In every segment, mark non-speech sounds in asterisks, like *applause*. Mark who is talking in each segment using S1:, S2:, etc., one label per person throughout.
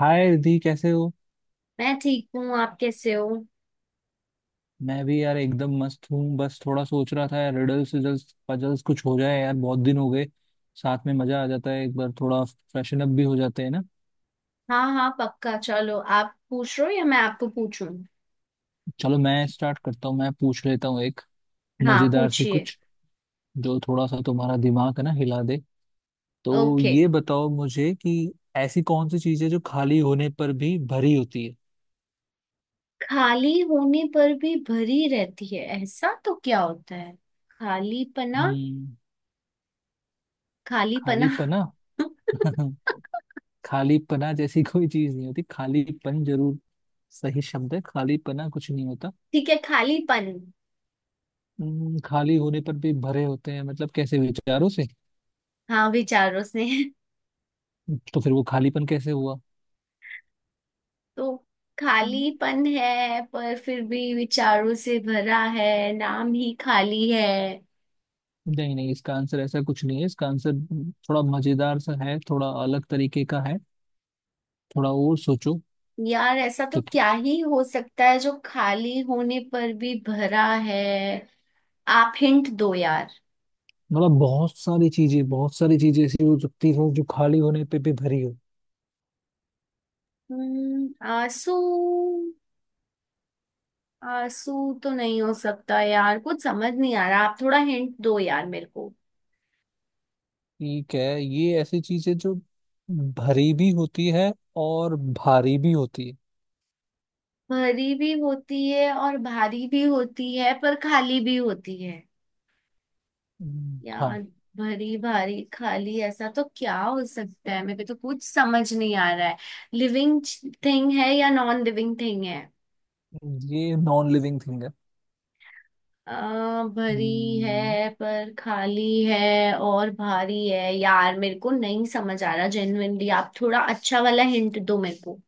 S1: हाय रिधि कैसे हो।
S2: मैं ठीक हूँ। आप कैसे हो?
S1: मैं भी यार एकदम मस्त हूँ। बस थोड़ा सोच रहा था यार, रिडल्स रिडल्स पजल्स कुछ हो जाए यार, बहुत दिन हो गए। साथ में मजा आ जाता है, एक बार थोड़ा फ्रेशन अप भी हो जाते हैं ना।
S2: हाँ हाँ, पक्का। चलो, आप पूछ रहे हो या मैं आपको पूछूं?
S1: चलो मैं स्टार्ट करता हूँ, मैं पूछ लेता हूँ एक
S2: हाँ,
S1: मजेदार सी
S2: पूछिए।
S1: कुछ, जो थोड़ा सा तुम्हारा दिमाग है ना हिला दे। तो
S2: ओके।
S1: ये बताओ मुझे कि ऐसी कौन सी चीज़ है जो खाली होने पर भी भरी होती है।
S2: खाली होने पर भी भरी रहती है? ऐसा तो क्या होता है? खालीपना।
S1: हम्म।
S2: खालीपना।
S1: खाली पना।
S2: *laughs*
S1: *laughs* खालीपना जैसी *laughs* कोई चीज नहीं होती, खालीपन जरूर सही शब्द है। खालीपना कुछ नहीं होता।
S2: ठीक है, खालीपन।
S1: खाली होने पर भी भरे होते हैं मतलब, कैसे विचारों से?
S2: हाँ, विचारों से। *laughs*
S1: तो फिर वो खालीपन कैसे हुआ?
S2: तो
S1: हम्म,
S2: खालीपन है पर फिर भी विचारों से भरा है, नाम ही खाली है।
S1: नहीं नहीं, इसका आंसर ऐसा कुछ नहीं है। इसका आंसर थोड़ा मजेदार सा है, थोड़ा अलग तरीके का है। थोड़ा और सोचो
S2: यार, ऐसा तो
S1: तो।
S2: क्या ही हो सकता है जो खाली होने पर भी भरा है। आप हिंट दो यार।
S1: मतलब बहुत सारी चीजें, बहुत सारी चीजें ऐसी हो सकती हो जो खाली होने पे भी भरी हो।
S2: आंसू। आंसू तो नहीं हो सकता यार, कुछ समझ नहीं आ रहा। आप थोड़ा हिंट दो यार मेरे को।
S1: ठीक है, ये ऐसी चीज है जो भरी भी होती है और भारी भी होती है।
S2: भरी भी होती है और भारी भी होती है, पर खाली भी होती है।
S1: हाँ।
S2: यार, भरी भारी खाली, ऐसा तो क्या हो सकता है? मेरे को तो कुछ समझ नहीं आ रहा है। लिविंग थिंग है या नॉन लिविंग थिंग है?
S1: ये नॉन लिविंग थिंग है।
S2: भरी
S1: हम्म।
S2: है पर खाली है, और भारी है। यार मेरे को नहीं समझ आ रहा जेन्युइनली, आप थोड़ा अच्छा वाला हिंट दो मेरे को।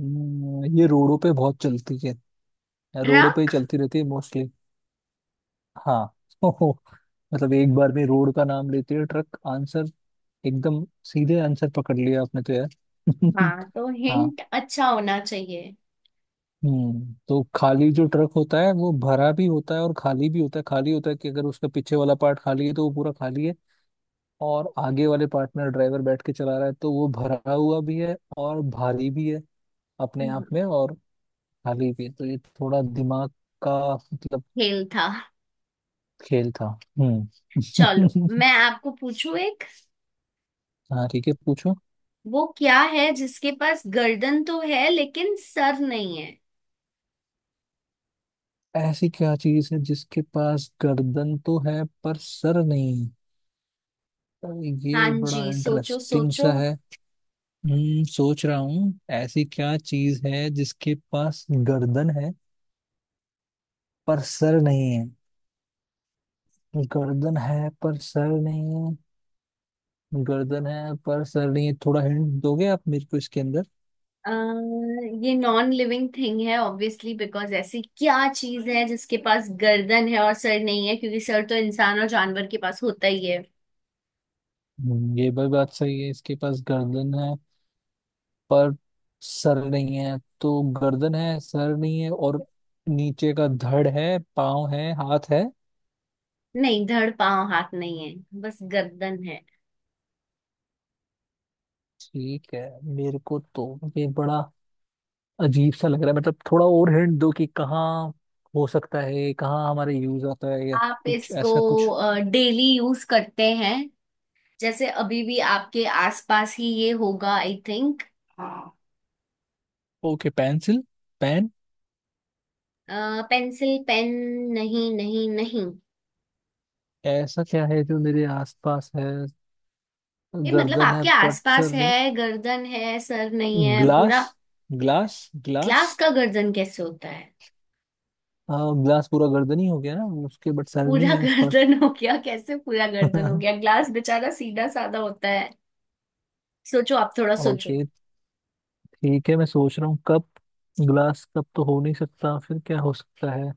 S1: ये रोडों पे बहुत चलती है। रोडों पे ही
S2: ट्रक।
S1: चलती रहती है मोस्टली। हाँ *laughs* ओहो, मतलब एक बार में रोड का नाम लेते है ट्रक आंसर। एकदम सीधे आंसर पकड़ लिया आपने तो यार *laughs*
S2: हाँ तो
S1: हाँ।
S2: हिंट अच्छा होना चाहिए।
S1: हम्म, तो खाली जो ट्रक होता है वो भरा भी होता है और खाली भी होता है। खाली होता है कि अगर उसका पीछे वाला पार्ट खाली है तो वो पूरा खाली है, और आगे वाले पार्ट में ड्राइवर बैठ के चला रहा है तो वो भरा हुआ भी है और भारी भी है अपने
S2: हम्म,
S1: आप में, और खाली भी। तो ये थोड़ा दिमाग का मतलब
S2: खेल था।
S1: खेल था। हम्म।
S2: चलो मैं
S1: *laughs*
S2: आपको पूछूं एक।
S1: हाँ ठीक है, पूछो।
S2: वो क्या है जिसके पास गर्दन तो है लेकिन सर नहीं है?
S1: ऐसी क्या चीज है जिसके पास गर्दन तो है पर सर नहीं? तो
S2: हाँ
S1: ये बड़ा
S2: जी, सोचो
S1: इंटरेस्टिंग
S2: सोचो।
S1: सा है। हम्म, सोच रहा हूँ। ऐसी क्या चीज है जिसके पास गर्दन है पर सर नहीं है? गर्दन है पर सर नहीं है। गर्दन है पर सर नहीं है, थोड़ा हिंट दोगे आप मेरे को इसके अंदर?
S2: अ, ये नॉन लिविंग थिंग है ऑब्वियसली, बिकॉज ऐसी क्या चीज है जिसके पास गर्दन है और सर नहीं है? क्योंकि सर तो इंसान और जानवर के पास होता ही है।
S1: ये भी बात सही है। इसके पास गर्दन है पर सर नहीं है। तो गर्दन है, सर नहीं है, और नीचे का धड़ है, पाँव है, हाथ है।
S2: नहीं, धड़ पांव हाथ नहीं है, बस गर्दन है।
S1: ठीक है। मेरे को तो ये बड़ा अजीब सा लग रहा है। मतलब थोड़ा और हिंट दो कि कहाँ हो सकता है, कहाँ हमारे यूज आता है या
S2: आप
S1: कुछ
S2: इसको
S1: ऐसा कुछ।
S2: डेली यूज करते हैं। जैसे अभी भी आपके आसपास ही ये होगा, I think.
S1: Okay, pencil, pen?
S2: Pencil, pen? नहीं नहीं नहीं।
S1: ऐसा क्या है जो मेरे आसपास है?
S2: ये मतलब
S1: गर्दन है
S2: आपके
S1: बट सर
S2: आसपास
S1: नहीं।
S2: है। गर्दन है, सर नहीं है
S1: ग्लास,
S2: पूरा।
S1: Glass, glass.
S2: ग्लास का गर्दन कैसे होता है?
S1: हाँ, ग्लास पूरा गर्दन ही हो गया ना उसके, बट सर
S2: पूरा
S1: नहीं है
S2: *laughs*
S1: ऊपर।
S2: गर्दन हो गया? कैसे पूरा गर्दन हो
S1: *laughs*
S2: गया? ग्लास बेचारा सीधा साधा होता है। सोचो, आप थोड़ा सोचो।
S1: ओके, ठीक है, मैं सोच रहा हूँ, कप? ग्लास कप तो हो नहीं सकता, फिर क्या हो सकता है?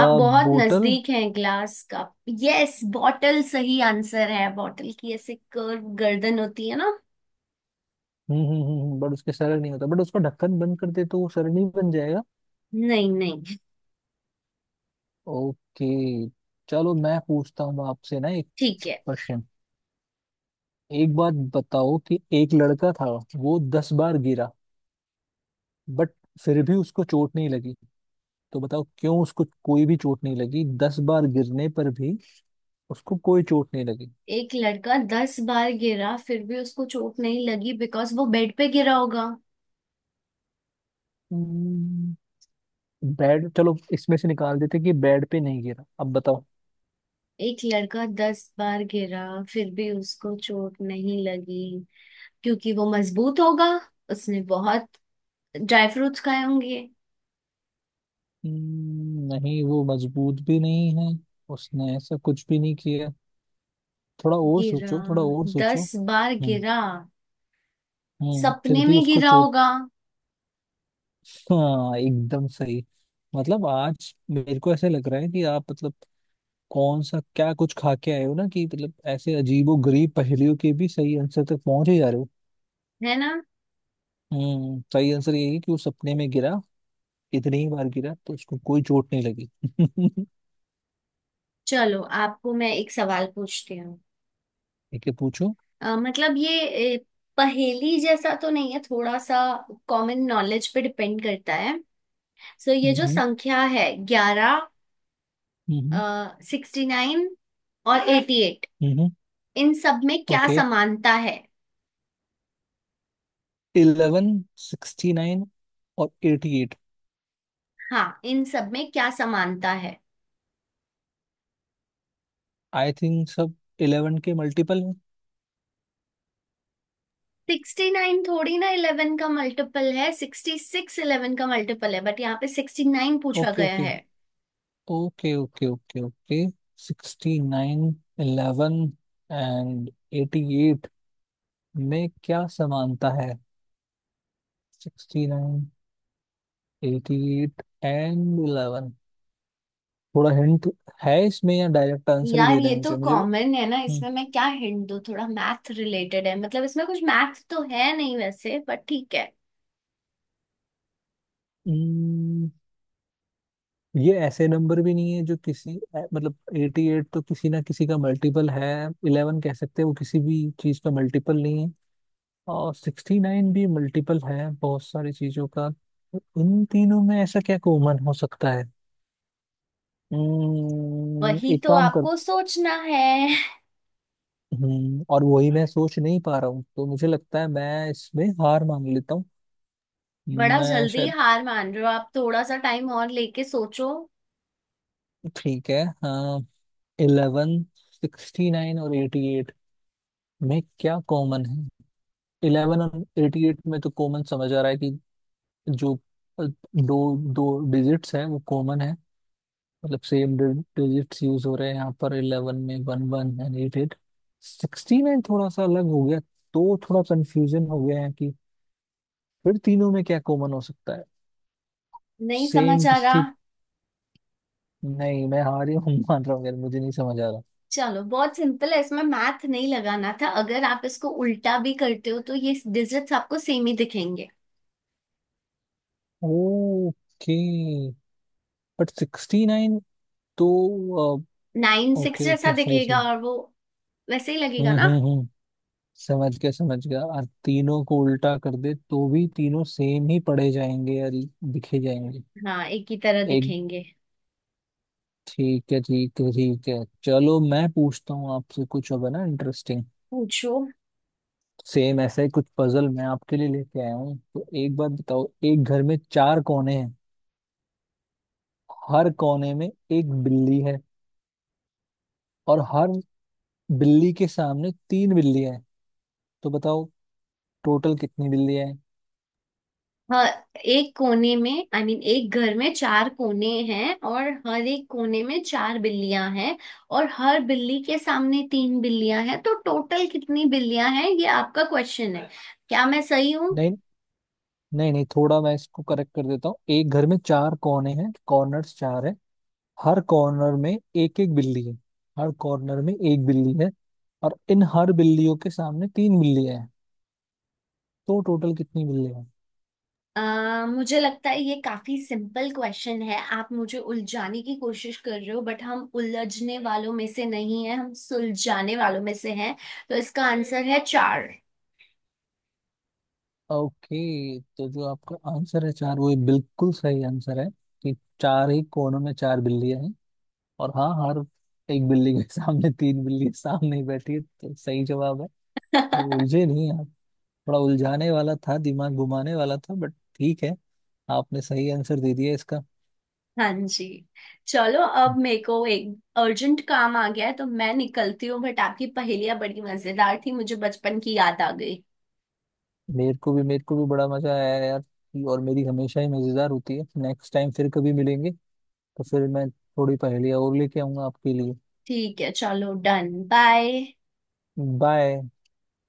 S2: आप बहुत
S1: बोतल।
S2: नजदीक हैं ग्लास का। यस, बॉटल सही आंसर है। बॉटल की ऐसे कर्व गर्दन होती है ना।
S1: बट उसके सर नहीं होता। बट उसका ढक्कन बंद कर दे तो वो सर नहीं बन जाएगा?
S2: नहीं नहीं।
S1: ओके। चलो, मैं पूछता हूँ आपसे ना एक
S2: ठीक है।
S1: क्वेश्चन। एक बात बताओ कि एक लड़का था, वो दस बार गिरा, बट फिर भी उसको चोट नहीं लगी। तो बताओ क्यों उसको कोई भी चोट नहीं लगी, दस बार गिरने पर भी उसको कोई चोट नहीं लगी।
S2: एक लड़का 10 बार गिरा फिर भी उसको चोट नहीं लगी, बिकॉज वो बेड पे गिरा होगा।
S1: हम्म, बेड चलो इसमें से निकाल देते कि बेड पे नहीं गिरा, अब बताओ।
S2: एक लड़का 10 बार गिरा, फिर भी उसको चोट नहीं लगी क्योंकि वो मजबूत होगा। उसने बहुत ड्राई फ्रूट्स खाए होंगे।
S1: नहीं, वो मजबूत भी नहीं है, उसने ऐसा कुछ भी नहीं किया। थोड़ा और
S2: गिरा,
S1: सोचो, थोड़ा और सोचो।
S2: 10 बार
S1: हम्म
S2: गिरा।
S1: फिर
S2: सपने
S1: भी
S2: में
S1: उसको
S2: गिरा
S1: चोट।
S2: होगा।
S1: हाँ, एकदम सही। मतलब आज मेरे को ऐसे लग रहा है कि आप मतलब कौन सा क्या कुछ खा के आए हो ना कि, मतलब, ऐसे अजीबो गरीब पहेलियों के भी सही आंसर तक पहुंच ही जा रहे हो।
S2: है ना।
S1: हम्म, सही आंसर यही है कि वो सपने में गिरा, इतनी ही बार गिरा, तो उसको कोई चोट नहीं लगी *laughs*
S2: चलो आपको मैं एक सवाल पूछती हूँ।
S1: ठीक है, पूछो।
S2: मतलब ये पहेली जैसा तो नहीं है थोड़ा सा, कॉमन नॉलेज पे डिपेंड करता है। सो ये जो
S1: हम्म
S2: संख्या है, 11,
S1: हम्म हम्म
S2: 69 और 88,
S1: हम्म,
S2: इन सब में क्या
S1: ओके,
S2: समानता है?
S1: इलेवन, सिक्सटी नाइन और एटी एट।
S2: हाँ, इन सब में क्या समानता है?
S1: आई थिंक सब इलेवन के मल्टीपल है।
S2: 69 थोड़ी ना 11 का मल्टीपल है, 66 11 का मल्टीपल है, बट यहाँ पे 69 पूछा
S1: ओके
S2: गया
S1: ओके
S2: है।
S1: Okay okay, okay okay. Sixty nine, eleven and eighty eight में क्या समानता है? Sixty nine, eighty eight and eleven. थोड़ा हिंट है इसमें या डायरेक्ट आंसर ही
S2: यार
S1: दे रहे
S2: ये
S1: हैं
S2: तो
S1: मुझे मुझे?
S2: कॉमन है ना,
S1: हम्म।
S2: इसमें मैं क्या हिंट दूँ? थोड़ा मैथ रिलेटेड है, मतलब इसमें कुछ मैथ तो है नहीं वैसे, बट ठीक है।
S1: हम्म। ये ऐसे नंबर भी नहीं है जो किसी मतलब 88 तो किसी ना किसी का मल्टीपल है, 11 कह सकते हैं वो किसी भी चीज का मल्टीपल नहीं है, और 69 भी मल्टीपल है बहुत सारी चीजों का, तो इन तीनों में ऐसा क्या कॉमन हो सकता है?
S2: वही
S1: एक
S2: तो
S1: काम कर।
S2: आपको सोचना है।
S1: और वही मैं सोच नहीं पा रहा हूँ, तो मुझे लगता है मैं इसमें हार मान लेता हूँ।
S2: बड़ा
S1: मैं
S2: जल्दी
S1: शायद,
S2: हार मान रहे हो आप, थोड़ा सा टाइम और लेके सोचो।
S1: ठीक है, हाँ। इलेवन, सिक्सटी नाइन और एटी एट में क्या कॉमन है? इलेवन और एटी एट में तो कॉमन समझ आ रहा है कि जो अ, दो दो डिजिट्स हैं वो कॉमन है, मतलब सेम डिजिट्स यूज हो रहे हैं यहाँ पर, इलेवन में one one and eight eight. Sixty में थोड़ा सा अलग हो गया, तो थोड़ा कंफ्यूजन हो गया है कि फिर तीनों में क्या कॉमन हो सकता है?
S2: नहीं
S1: सेम
S2: समझ आ
S1: किसी,
S2: रहा।
S1: नहीं मैं हार ही हूँ *laughs* मान रहा हूँ यार, मुझे नहीं समझ आ रहा।
S2: चलो बहुत सिंपल है, इसमें मैथ नहीं लगाना था। अगर आप इसको उल्टा भी करते हो तो ये डिजिट्स आपको सेम ही दिखेंगे।
S1: ओके, बट सिक्सटी नाइन तो।
S2: 9 6
S1: ओके
S2: जैसा
S1: ओके, सही
S2: दिखेगा
S1: सही।
S2: और वो वैसे ही
S1: हम्म
S2: लगेगा ना।
S1: हम्म हम्म समझ गया समझ गया। और तीनों को उल्टा कर दे तो भी तीनों सेम ही पढ़े जाएंगे या दिखे जाएंगे?
S2: हाँ, एक ही तरह
S1: एक,
S2: दिखेंगे।
S1: ठीक है ठीक है ठीक है। चलो मैं पूछता हूँ आपसे कुछ अब, है ना, इंटरेस्टिंग।
S2: पूछो।
S1: सेम ऐसा ही कुछ पजल मैं आपके लिए लेके आया हूँ, तो एक बात बताओ, एक घर में चार कोने हैं, हर कोने में एक बिल्ली है, और हर बिल्ली के सामने तीन बिल्लियां हैं, तो बताओ टोटल कितनी बिल्लियां हैं?
S2: हाँ, एक कोने में आई I मीन mean, एक घर में चार कोने हैं और हर एक कोने में चार बिल्लियां हैं। और हर बिल्ली के सामने तीन बिल्लियां हैं, तो टोटल कितनी बिल्लियां हैं? ये आपका क्वेश्चन है, क्या मैं सही हूँ?
S1: नहीं नहीं नहीं, थोड़ा मैं इसको करेक्ट कर देता हूँ। एक घर में चार कोने हैं, कॉर्नर्स चार है, हर कॉर्नर में एक एक बिल्ली है, हर कॉर्नर में एक बिल्ली है, और इन हर बिल्लियों के सामने तीन बिल्लियां हैं, तो टोटल कितनी बिल्लियां हैं?
S2: मुझे लगता है ये काफी सिंपल क्वेश्चन है। आप मुझे उलझाने की कोशिश कर रहे हो बट हम उलझने वालों में से नहीं है, हम सुलझाने वालों में से हैं। तो इसका आंसर है चार।
S1: ओके, तो जो आपका आंसर है चार, वो बिल्कुल सही आंसर है कि चार ही कोनों में चार बिल्लियां हैं, और हाँ, हर एक बिल्ली के सामने तीन बिल्ली सामने ही बैठी है, तो सही जवाब है। मतलब उलझे
S2: *laughs*
S1: नहीं आप। थोड़ा उलझाने वाला था, दिमाग घुमाने वाला था, बट ठीक है, आपने सही आंसर दे दिया इसका।
S2: हाँ जी। चलो अब मेरे को एक अर्जेंट काम आ गया है तो मैं निकलती हूँ। बट आपकी पहेलियां बड़ी मजेदार थी, मुझे बचपन की याद आ गई।
S1: मेरे को भी, मेरे को भी बड़ा मजा आया यार। और मेरी हमेशा ही मजेदार होती है। नेक्स्ट टाइम फिर कभी मिलेंगे तो फिर मैं थोड़ी पहेलियाँ और लेके आऊंगा आपके लिए।
S2: ठीक है चलो, डन, बाय।
S1: बाय।